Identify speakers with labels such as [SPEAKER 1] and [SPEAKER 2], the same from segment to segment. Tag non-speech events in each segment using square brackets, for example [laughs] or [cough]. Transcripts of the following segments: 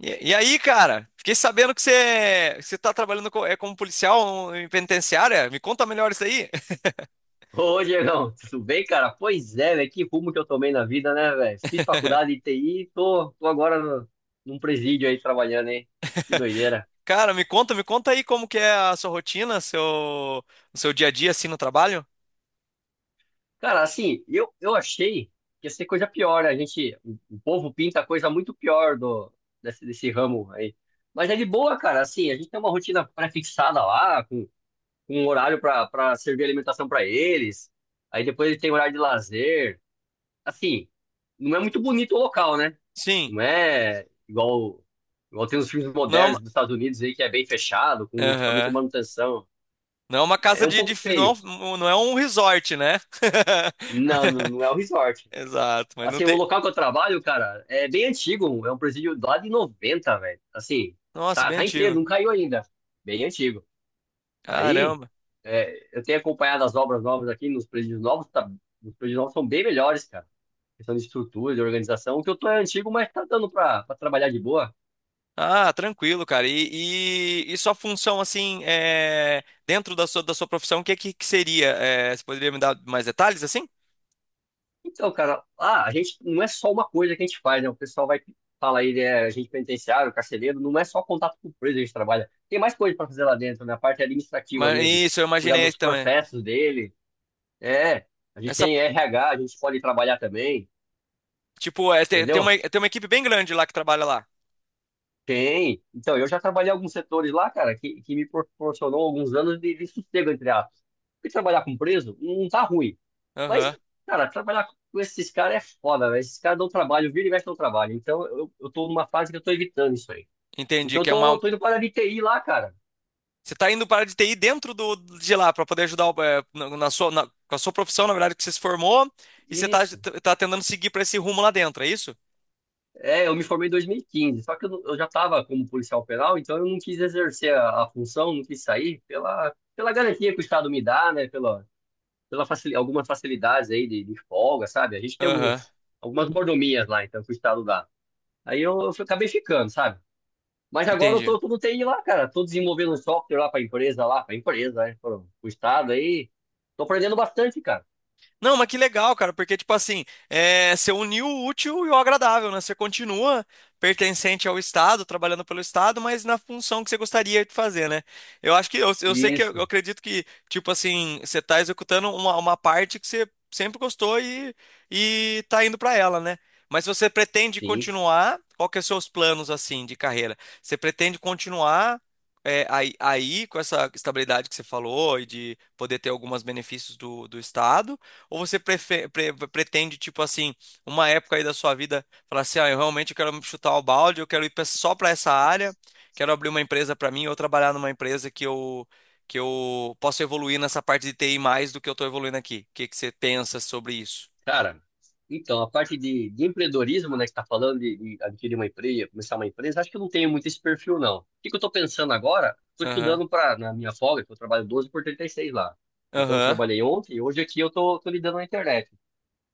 [SPEAKER 1] E aí, cara, fiquei sabendo que você tá trabalhando como policial em penitenciária. Me conta melhor isso aí. [laughs]
[SPEAKER 2] Ô, Diegão, tudo bem, cara? Pois é, velho, que rumo que eu tomei na vida, né, velho? Fiz faculdade de TI, tô agora num presídio aí trabalhando, hein? Que doideira.
[SPEAKER 1] Cara, me conta aí como que é a sua rotina, o seu dia a dia assim no trabalho.
[SPEAKER 2] Cara, assim, eu achei que ia ser coisa pior, né? A gente, o povo pinta coisa muito pior desse ramo aí. Mas é de boa, cara, assim, a gente tem uma rotina pré-fixada lá, com um horário pra servir alimentação pra eles, aí depois eles têm horário de lazer. Assim, não é muito bonito o local, né?
[SPEAKER 1] Sim.
[SPEAKER 2] Não é igual, igual tem os filmes
[SPEAKER 1] não é
[SPEAKER 2] modernos
[SPEAKER 1] uma,
[SPEAKER 2] dos Estados Unidos aí, que é bem fechado, com equipamento de
[SPEAKER 1] Aham.
[SPEAKER 2] manutenção.
[SPEAKER 1] Não é uma casa
[SPEAKER 2] É um
[SPEAKER 1] de, de
[SPEAKER 2] pouco
[SPEAKER 1] fi- não, é
[SPEAKER 2] feio.
[SPEAKER 1] um- um, não é um resort, né?
[SPEAKER 2] Não, não
[SPEAKER 1] [laughs]
[SPEAKER 2] não é o resort.
[SPEAKER 1] Exato, mas não
[SPEAKER 2] Assim, o
[SPEAKER 1] tem.
[SPEAKER 2] local que eu trabalho, cara, é bem antigo. É um presídio lá de 90 velho. Assim,
[SPEAKER 1] Nossa,
[SPEAKER 2] tá,
[SPEAKER 1] bem
[SPEAKER 2] tá inteiro,
[SPEAKER 1] antigo.
[SPEAKER 2] não caiu ainda. Bem antigo. Aí,
[SPEAKER 1] Caramba.
[SPEAKER 2] eu tenho acompanhado as obras novas aqui nos presídios novos. Tá, os presídios novos são bem melhores, cara. Questão de estrutura, de organização. O que eu tô é antigo, mas tá dando pra trabalhar de boa.
[SPEAKER 1] Ah, tranquilo, cara. E sua função, assim, é, dentro da sua profissão, o que seria? É, você poderia me dar mais detalhes, assim?
[SPEAKER 2] Então, cara, ah, a gente não é só uma coisa que a gente faz, né? O pessoal vai fala aí, né, agente penitenciário, carcereiro, não é só contato com o preso que a gente trabalha. Tem mais coisa para fazer lá dentro, né? A parte administrativa
[SPEAKER 1] Mas,
[SPEAKER 2] mesmo.
[SPEAKER 1] isso, eu
[SPEAKER 2] Cuidar
[SPEAKER 1] imaginei
[SPEAKER 2] dos
[SPEAKER 1] também.
[SPEAKER 2] processos dele. É, a gente
[SPEAKER 1] Essa,
[SPEAKER 2] tem RH, a gente pode trabalhar também,
[SPEAKER 1] tipo, é,
[SPEAKER 2] entendeu?
[SPEAKER 1] tem uma equipe bem grande lá que trabalha lá.
[SPEAKER 2] Tem. Então, eu já trabalhei em alguns setores lá, cara, que me proporcionou alguns anos de sossego, entre aspas. Porque trabalhar com preso não tá ruim. Mas,
[SPEAKER 1] Aham,
[SPEAKER 2] cara, trabalhar com esses caras é foda, velho. Esses caras dão trabalho, vira e mexe dão trabalho. Então, eu tô numa fase que eu tô evitando isso aí.
[SPEAKER 1] entendi.
[SPEAKER 2] Então, eu
[SPEAKER 1] Que é uma,
[SPEAKER 2] tô indo para a de TI lá, cara.
[SPEAKER 1] você tá indo para a área de TI dentro de lá, para poder ajudar na sua, com a sua profissão, na verdade, que você se formou, e
[SPEAKER 2] Isso.
[SPEAKER 1] tá tentando seguir para esse rumo lá dentro, é isso?
[SPEAKER 2] É, eu me formei em 2015. Só que eu, não- eu já tava como policial penal, então eu não quis exercer a função, não quis sair pela garantia que o Estado me dá, né? Algumas facilidades aí de folga, sabe? A gente tem
[SPEAKER 1] Aham,
[SPEAKER 2] algumas mordomias lá, então, que o Estado dá. Aí eu acabei ficando, sabe? Mas agora eu
[SPEAKER 1] entendi.
[SPEAKER 2] tô no TI lá, cara. Tô desenvolvendo um software lá, pra empresa, né? Pro Estado aí. Tô aprendendo bastante, cara.
[SPEAKER 1] Não, mas que legal, cara, porque, tipo assim, é, você uniu o útil e o agradável, né? Você continua pertencente ao Estado, trabalhando pelo Estado, mas na função que você gostaria de fazer, né? Eu acho que, eu sei que, eu,
[SPEAKER 2] Isso,
[SPEAKER 1] acredito que, tipo assim, você tá executando uma parte que você sempre gostou e tá indo pra ela, né? Mas se você pretende
[SPEAKER 2] sim.
[SPEAKER 1] continuar, qual que é os seus planos, assim, de carreira? Você pretende continuar... é, com essa estabilidade que você falou e de poder ter alguns benefícios do Estado, ou você pretende, tipo assim, uma época aí da sua vida, falar assim, ah, eu realmente quero chutar o balde, eu quero só para essa área, quero abrir uma empresa para mim ou trabalhar numa empresa que eu possa evoluir nessa parte de TI mais do que eu tô evoluindo aqui. O que que você pensa sobre isso?
[SPEAKER 2] Cara, então, a parte de empreendedorismo, né, que tá falando de adquirir uma empresa, começar uma empresa, acho que eu não tenho muito esse perfil, não. O que que eu tô pensando agora? Tô
[SPEAKER 1] Aham.
[SPEAKER 2] estudando para na minha folga, que eu trabalho 12 por 36 lá. Então, eu
[SPEAKER 1] Aham.
[SPEAKER 2] trabalhei ontem e hoje aqui eu tô lidando na internet.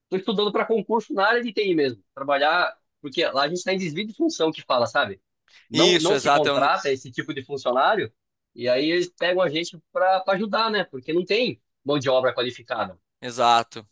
[SPEAKER 2] Tô estudando para concurso na área de TI mesmo. Trabalhar, porque lá a gente tá em desvio de função que fala, sabe? Não,
[SPEAKER 1] Isso,
[SPEAKER 2] não se
[SPEAKER 1] exato, é onde...
[SPEAKER 2] contrata esse tipo de funcionário e aí eles pegam a gente para ajudar, né? Porque não tem mão de obra qualificada.
[SPEAKER 1] exato.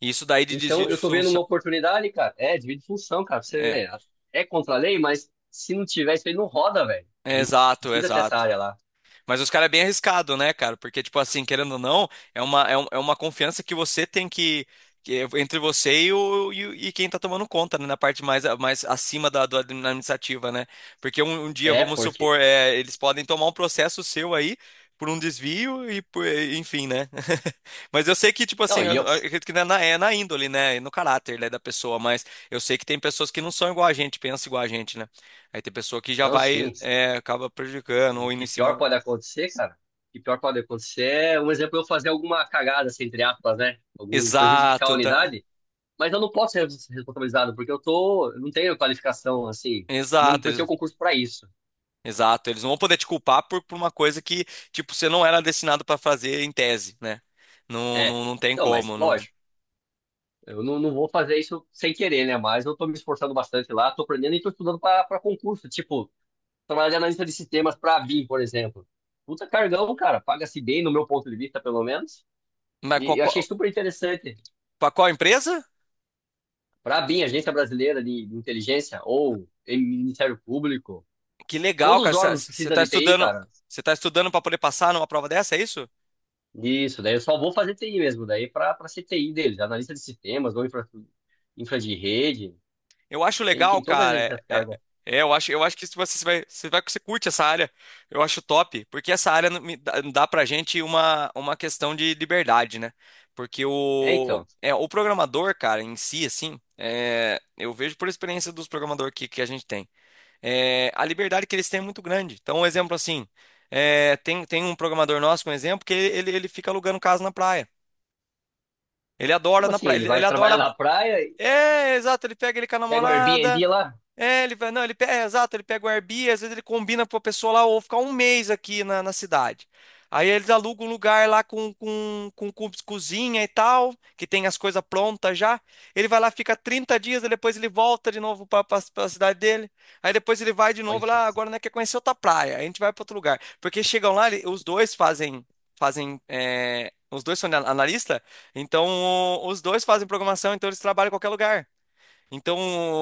[SPEAKER 1] Isso daí de desvio
[SPEAKER 2] Então,
[SPEAKER 1] de
[SPEAKER 2] eu tô vendo uma
[SPEAKER 1] função.
[SPEAKER 2] oportunidade, cara. É, divide função, cara. Você
[SPEAKER 1] É,
[SPEAKER 2] vê, é contra a lei, mas se não tiver isso aí, não roda, velho.
[SPEAKER 1] é
[SPEAKER 2] E
[SPEAKER 1] exato,
[SPEAKER 2] precisa ter essa
[SPEAKER 1] exato.
[SPEAKER 2] área lá.
[SPEAKER 1] Mas os caras é bem arriscado, né, cara? Porque, tipo assim, querendo ou não, é uma, é é uma confiança que você tem que. Que é Entre você e quem tá tomando conta, né? Na parte mais, mais acima da administrativa, né? Porque um dia,
[SPEAKER 2] É,
[SPEAKER 1] vamos
[SPEAKER 2] porque.
[SPEAKER 1] supor, é, eles podem tomar um processo seu aí por um desvio e por, enfim, né? [laughs] Mas eu sei que, tipo assim,
[SPEAKER 2] Não, e eu.
[SPEAKER 1] eu acredito que não é na, é na índole, né? e No caráter, né, da pessoa, mas eu sei que tem pessoas que não são igual a gente, pensam igual a gente, né? Aí tem pessoa que já
[SPEAKER 2] Não,
[SPEAKER 1] vai,
[SPEAKER 2] sim.
[SPEAKER 1] é, acaba prejudicando
[SPEAKER 2] O
[SPEAKER 1] ou indo em
[SPEAKER 2] que
[SPEAKER 1] cima.
[SPEAKER 2] pior pode acontecer, cara? O que pior pode acontecer é, um exemplo, eu fazer alguma cagada, assim, entre aspas, né? Algum prejudicar a
[SPEAKER 1] Exato, tá-
[SPEAKER 2] unidade. Mas eu não posso ser responsabilizado, porque eu tô. Eu não tenho qualificação, assim. Não
[SPEAKER 1] exato,
[SPEAKER 2] prestei o
[SPEAKER 1] eles-
[SPEAKER 2] concurso pra isso.
[SPEAKER 1] Exato. Eles não vão poder te culpar por uma coisa que, tipo, você não era destinado para fazer em tese, né? Não,
[SPEAKER 2] É.
[SPEAKER 1] não, não tem
[SPEAKER 2] Então, mas,
[SPEAKER 1] como, não.
[SPEAKER 2] lógico. Eu não vou fazer isso sem querer, né? Mas eu tô me esforçando bastante lá, tô aprendendo e tô estudando para concurso. Tipo, trabalhar de analista de sistemas para a BIM, por exemplo. Puta cargão, cara. Paga-se bem, no meu ponto de vista, pelo menos.
[SPEAKER 1] Mas
[SPEAKER 2] E eu achei
[SPEAKER 1] qual,
[SPEAKER 2] super interessante.
[SPEAKER 1] pra qual empresa?
[SPEAKER 2] Para a BIM, Agência Brasileira de Inteligência, ou em Ministério Público,
[SPEAKER 1] Que legal,
[SPEAKER 2] todos os
[SPEAKER 1] cara.
[SPEAKER 2] órgãos que
[SPEAKER 1] Você
[SPEAKER 2] precisam
[SPEAKER 1] tá
[SPEAKER 2] de TI,
[SPEAKER 1] estudando,
[SPEAKER 2] cara.
[SPEAKER 1] você tá estudando para poder passar numa prova dessa, é isso?
[SPEAKER 2] Isso, daí eu só vou fazer TI mesmo, daí para ser TI deles, analista de sistemas ou infra, de rede.
[SPEAKER 1] Eu acho
[SPEAKER 2] Tem,
[SPEAKER 1] legal,
[SPEAKER 2] tem todas
[SPEAKER 1] cara.
[SPEAKER 2] essas
[SPEAKER 1] É, é-
[SPEAKER 2] cargas.
[SPEAKER 1] eu acho que se você, você curte essa área, eu acho top, porque essa área não me dá, dá pra gente uma questão de liberdade, né? Porque
[SPEAKER 2] É, então.
[SPEAKER 1] o programador, cara, em si, assim, é, eu vejo por experiência dos programadores que a gente tem, é, a liberdade que eles têm é muito grande. Então, um exemplo assim, é, tem um programador nosso, um exemplo, que ele fica alugando casa na praia. Ele adora
[SPEAKER 2] Como
[SPEAKER 1] na
[SPEAKER 2] assim?
[SPEAKER 1] praia,
[SPEAKER 2] Ele vai
[SPEAKER 1] ele adora.
[SPEAKER 2] trabalhar na praia e
[SPEAKER 1] É, exato, ele pega ele com a
[SPEAKER 2] pega o
[SPEAKER 1] namorada.
[SPEAKER 2] Airbnb lá?
[SPEAKER 1] É, ele vai, não, ele pega, é, exato, ele pega o Airbnb, às vezes ele combina com a pessoa lá, ou ficar um mês aqui na cidade. Aí eles alugam um lugar lá com cozinha e tal, que tem as coisas prontas já. Ele vai lá, fica 30 dias, aí depois ele volta de novo para a cidade dele. Aí depois ele vai de
[SPEAKER 2] Olha
[SPEAKER 1] novo
[SPEAKER 2] que
[SPEAKER 1] lá, agora não quer conhecer outra praia, aí a gente vai para outro lugar. Porque chegam lá, os dois fazem, fazem, é, os dois são analista, então os dois fazem programação, então eles trabalham em qualquer lugar.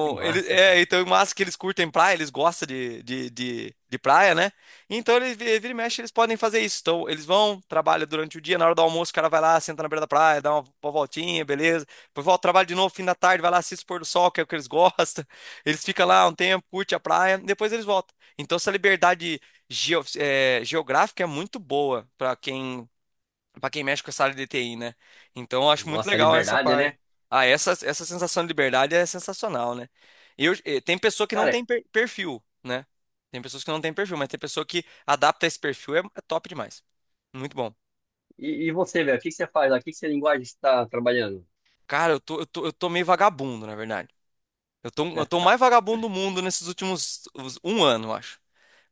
[SPEAKER 2] que massa, cara.
[SPEAKER 1] então, massa que eles curtem praia, eles gostam de praia, né? Então, eles, vira e mexe, eles podem fazer isso. Então, eles vão, trabalham durante o dia, na hora do almoço, o cara vai lá, senta na beira da praia, dá uma voltinha, beleza. Depois volta, trabalha de novo, fim da tarde, vai lá, assiste o pôr do sol, que é o que eles [laughs] gostam. Eles ficam lá um tempo, curte a praia, depois eles voltam. Então, essa liberdade geográfica é muito boa para quem pra quem mexe com essa área de TI, né? Então, eu acho muito
[SPEAKER 2] Nossa,
[SPEAKER 1] legal essa
[SPEAKER 2] liberdade,
[SPEAKER 1] parte.
[SPEAKER 2] né?
[SPEAKER 1] Ah, essa sensação de liberdade é sensacional, né? Tem pessoa que não tem
[SPEAKER 2] Cara,
[SPEAKER 1] perfil, né? Tem pessoas que não tem perfil, mas tem pessoa que adapta esse perfil, é top demais. Muito bom.
[SPEAKER 2] e você, velho? O que que você faz lá? O que que você linguagem está trabalhando?
[SPEAKER 1] Cara, eu tô meio vagabundo, na verdade. Eu tô mais vagabundo do mundo nesses um ano, eu acho.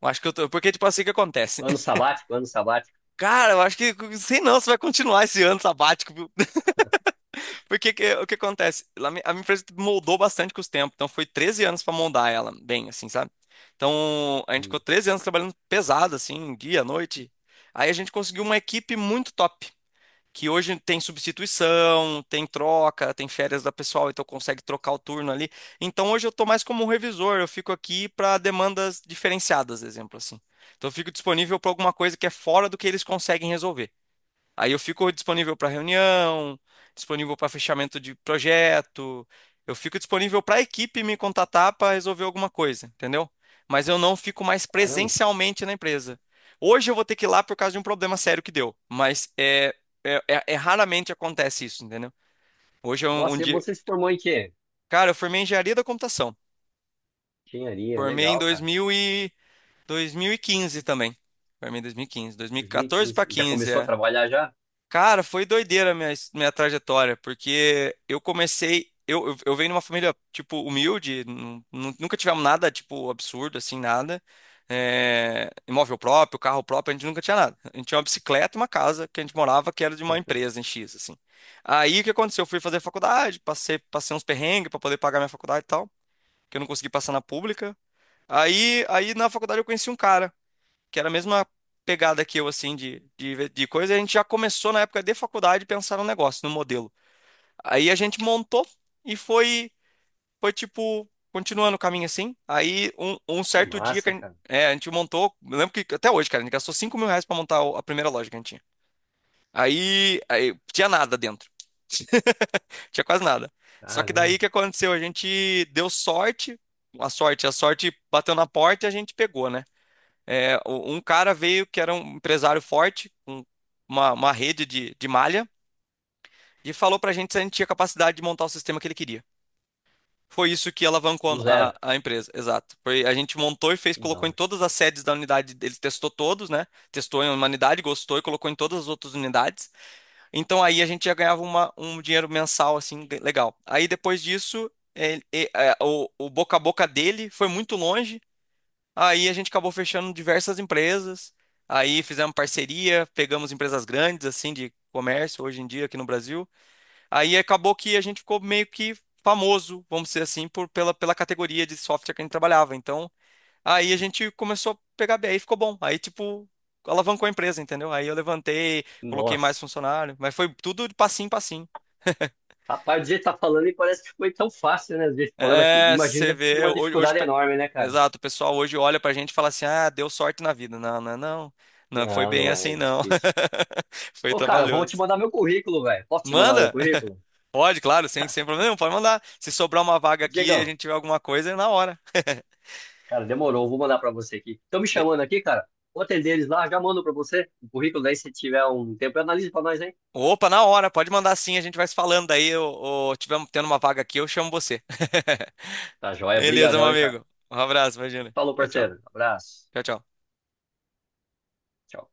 [SPEAKER 1] Eu acho que eu tô, porque, tipo, assim que acontece.
[SPEAKER 2] Ano sabático, ano sabático.
[SPEAKER 1] [laughs] Cara, eu acho que, sei não, se vai continuar esse ano sabático. Porque o que acontece? A minha empresa moldou bastante com os tempos, então foi 13 anos para moldar ela bem, assim, sabe? Então a gente ficou
[SPEAKER 2] Hum,
[SPEAKER 1] 13 anos trabalhando pesado, assim, dia, noite. Aí a gente conseguiu uma equipe muito top, que hoje tem substituição, tem troca, tem férias da pessoal, então consegue trocar o turno ali. Então hoje eu tô mais como um revisor, eu fico aqui para demandas diferenciadas, exemplo assim. Então eu fico disponível para alguma coisa que é fora do que eles conseguem resolver. Aí eu fico disponível para reunião, disponível para fechamento de projeto, eu fico disponível para a equipe me contatar para resolver alguma coisa, entendeu? Mas eu não fico mais
[SPEAKER 2] Caramba.
[SPEAKER 1] presencialmente na empresa. Hoje eu vou ter que ir lá por causa de um problema sério que deu, mas é raramente acontece isso, entendeu? Hoje é um
[SPEAKER 2] Nossa, e
[SPEAKER 1] dia.
[SPEAKER 2] você se formou em quê?
[SPEAKER 1] Cara, eu formei em engenharia da computação.
[SPEAKER 2] Engenharia,
[SPEAKER 1] Formei em
[SPEAKER 2] legal, cara.
[SPEAKER 1] 2000 e... 2015 também. Formei em 2015. 2014 para
[SPEAKER 2] 2015. Já
[SPEAKER 1] 15.
[SPEAKER 2] começou a trabalhar já?
[SPEAKER 1] Cara, foi doideira a minha trajetória, porque eu comecei. Eu venho de uma família, tipo, humilde, nunca tivemos nada, tipo, absurdo, assim, nada. É, imóvel próprio, carro próprio, a gente nunca tinha nada. A gente tinha uma bicicleta e uma casa que a gente morava, que era de uma empresa
[SPEAKER 2] [laughs]
[SPEAKER 1] em X, assim. Aí o que aconteceu? Eu fui fazer faculdade, passei, passei uns perrengues pra poder pagar minha faculdade e tal, que eu não consegui passar na pública. Aí na faculdade eu conheci um cara que era a mesma pegada que eu, assim, de coisa, e a gente já começou na época de faculdade a pensar no negócio, no modelo. Aí a gente montou e foi, foi tipo, continuando o caminho assim. Aí um
[SPEAKER 2] Que
[SPEAKER 1] certo dia que
[SPEAKER 2] massa, cara.
[SPEAKER 1] a gente montou, eu lembro que até hoje, cara, a gente gastou 5 mil reais pra montar a primeira loja que a gente tinha. Aí tinha nada dentro, tinha quase nada. Só que daí
[SPEAKER 2] Caramba.
[SPEAKER 1] o que aconteceu? A gente deu sorte, a sorte bateu na porta e a gente pegou, né? É, um cara veio que era um empresário forte, com uma rede de malha, e falou pra gente se a gente tinha capacidade de montar o sistema que ele queria. Foi isso que
[SPEAKER 2] Do
[SPEAKER 1] alavancou
[SPEAKER 2] zero.
[SPEAKER 1] a empresa, exato. Foi, a gente montou e fez,
[SPEAKER 2] Que da
[SPEAKER 1] colocou em
[SPEAKER 2] hora.
[SPEAKER 1] todas as sedes da unidade, ele testou todos, né? Testou em uma unidade, gostou e colocou em todas as outras unidades. Então aí a gente já ganhava um dinheiro mensal, assim, legal. Aí depois disso, o boca a boca dele foi muito longe. Aí a gente acabou fechando diversas empresas, aí fizemos parceria, pegamos empresas grandes, assim, de comércio hoje em dia aqui no Brasil. Aí acabou que a gente ficou meio que famoso, vamos dizer assim, por, pela categoria de software que a gente trabalhava. Então, aí a gente começou a pegar bem, aí ficou bom. Aí, tipo, alavancou a empresa, entendeu? Aí eu levantei, coloquei mais
[SPEAKER 2] Nossa.
[SPEAKER 1] funcionário, mas foi tudo de passinho em passinho.
[SPEAKER 2] Rapaz, do jeito que tá falando, e parece que foi tão fácil, né? Do jeito que falou, mas
[SPEAKER 1] É,
[SPEAKER 2] imagina que
[SPEAKER 1] você
[SPEAKER 2] deve ter sido
[SPEAKER 1] vê,
[SPEAKER 2] uma
[SPEAKER 1] hoje,
[SPEAKER 2] dificuldade enorme, né, cara?
[SPEAKER 1] exato, o pessoal hoje olha pra gente e fala assim: ah, deu sorte na vida. Não, não, é não. Não foi
[SPEAKER 2] Não,
[SPEAKER 1] bem
[SPEAKER 2] não
[SPEAKER 1] assim,
[SPEAKER 2] é
[SPEAKER 1] não.
[SPEAKER 2] difícil.
[SPEAKER 1] [laughs] Foi
[SPEAKER 2] Ô, cara, vou te
[SPEAKER 1] trabalhoso.
[SPEAKER 2] mandar meu currículo, velho. Posso te mandar meu
[SPEAKER 1] Manda?
[SPEAKER 2] currículo?
[SPEAKER 1] Pode, claro, sem problema nenhum, pode mandar. Se sobrar uma vaga aqui e a
[SPEAKER 2] Diegão,
[SPEAKER 1] gente tiver alguma coisa, é na hora.
[SPEAKER 2] cara, demorou. Vou mandar pra você aqui. Estão me
[SPEAKER 1] De-
[SPEAKER 2] chamando aqui, cara. Vou atender eles lá, já mando pra você o currículo. Daí, se tiver um tempo, analise pra nós, hein?
[SPEAKER 1] Opa, na hora, pode mandar sim, a gente vai se falando. Daí, eu tiver tendo uma vaga aqui, eu chamo você.
[SPEAKER 2] Tá
[SPEAKER 1] [laughs]
[SPEAKER 2] joia,
[SPEAKER 1] Beleza, meu
[SPEAKER 2] brigadão, hein, cara.
[SPEAKER 1] amigo. Um abraço, imagina.
[SPEAKER 2] Falou,
[SPEAKER 1] Tchau, tchau.
[SPEAKER 2] parceiro. Abraço.
[SPEAKER 1] Tchau, tchau.
[SPEAKER 2] Tchau.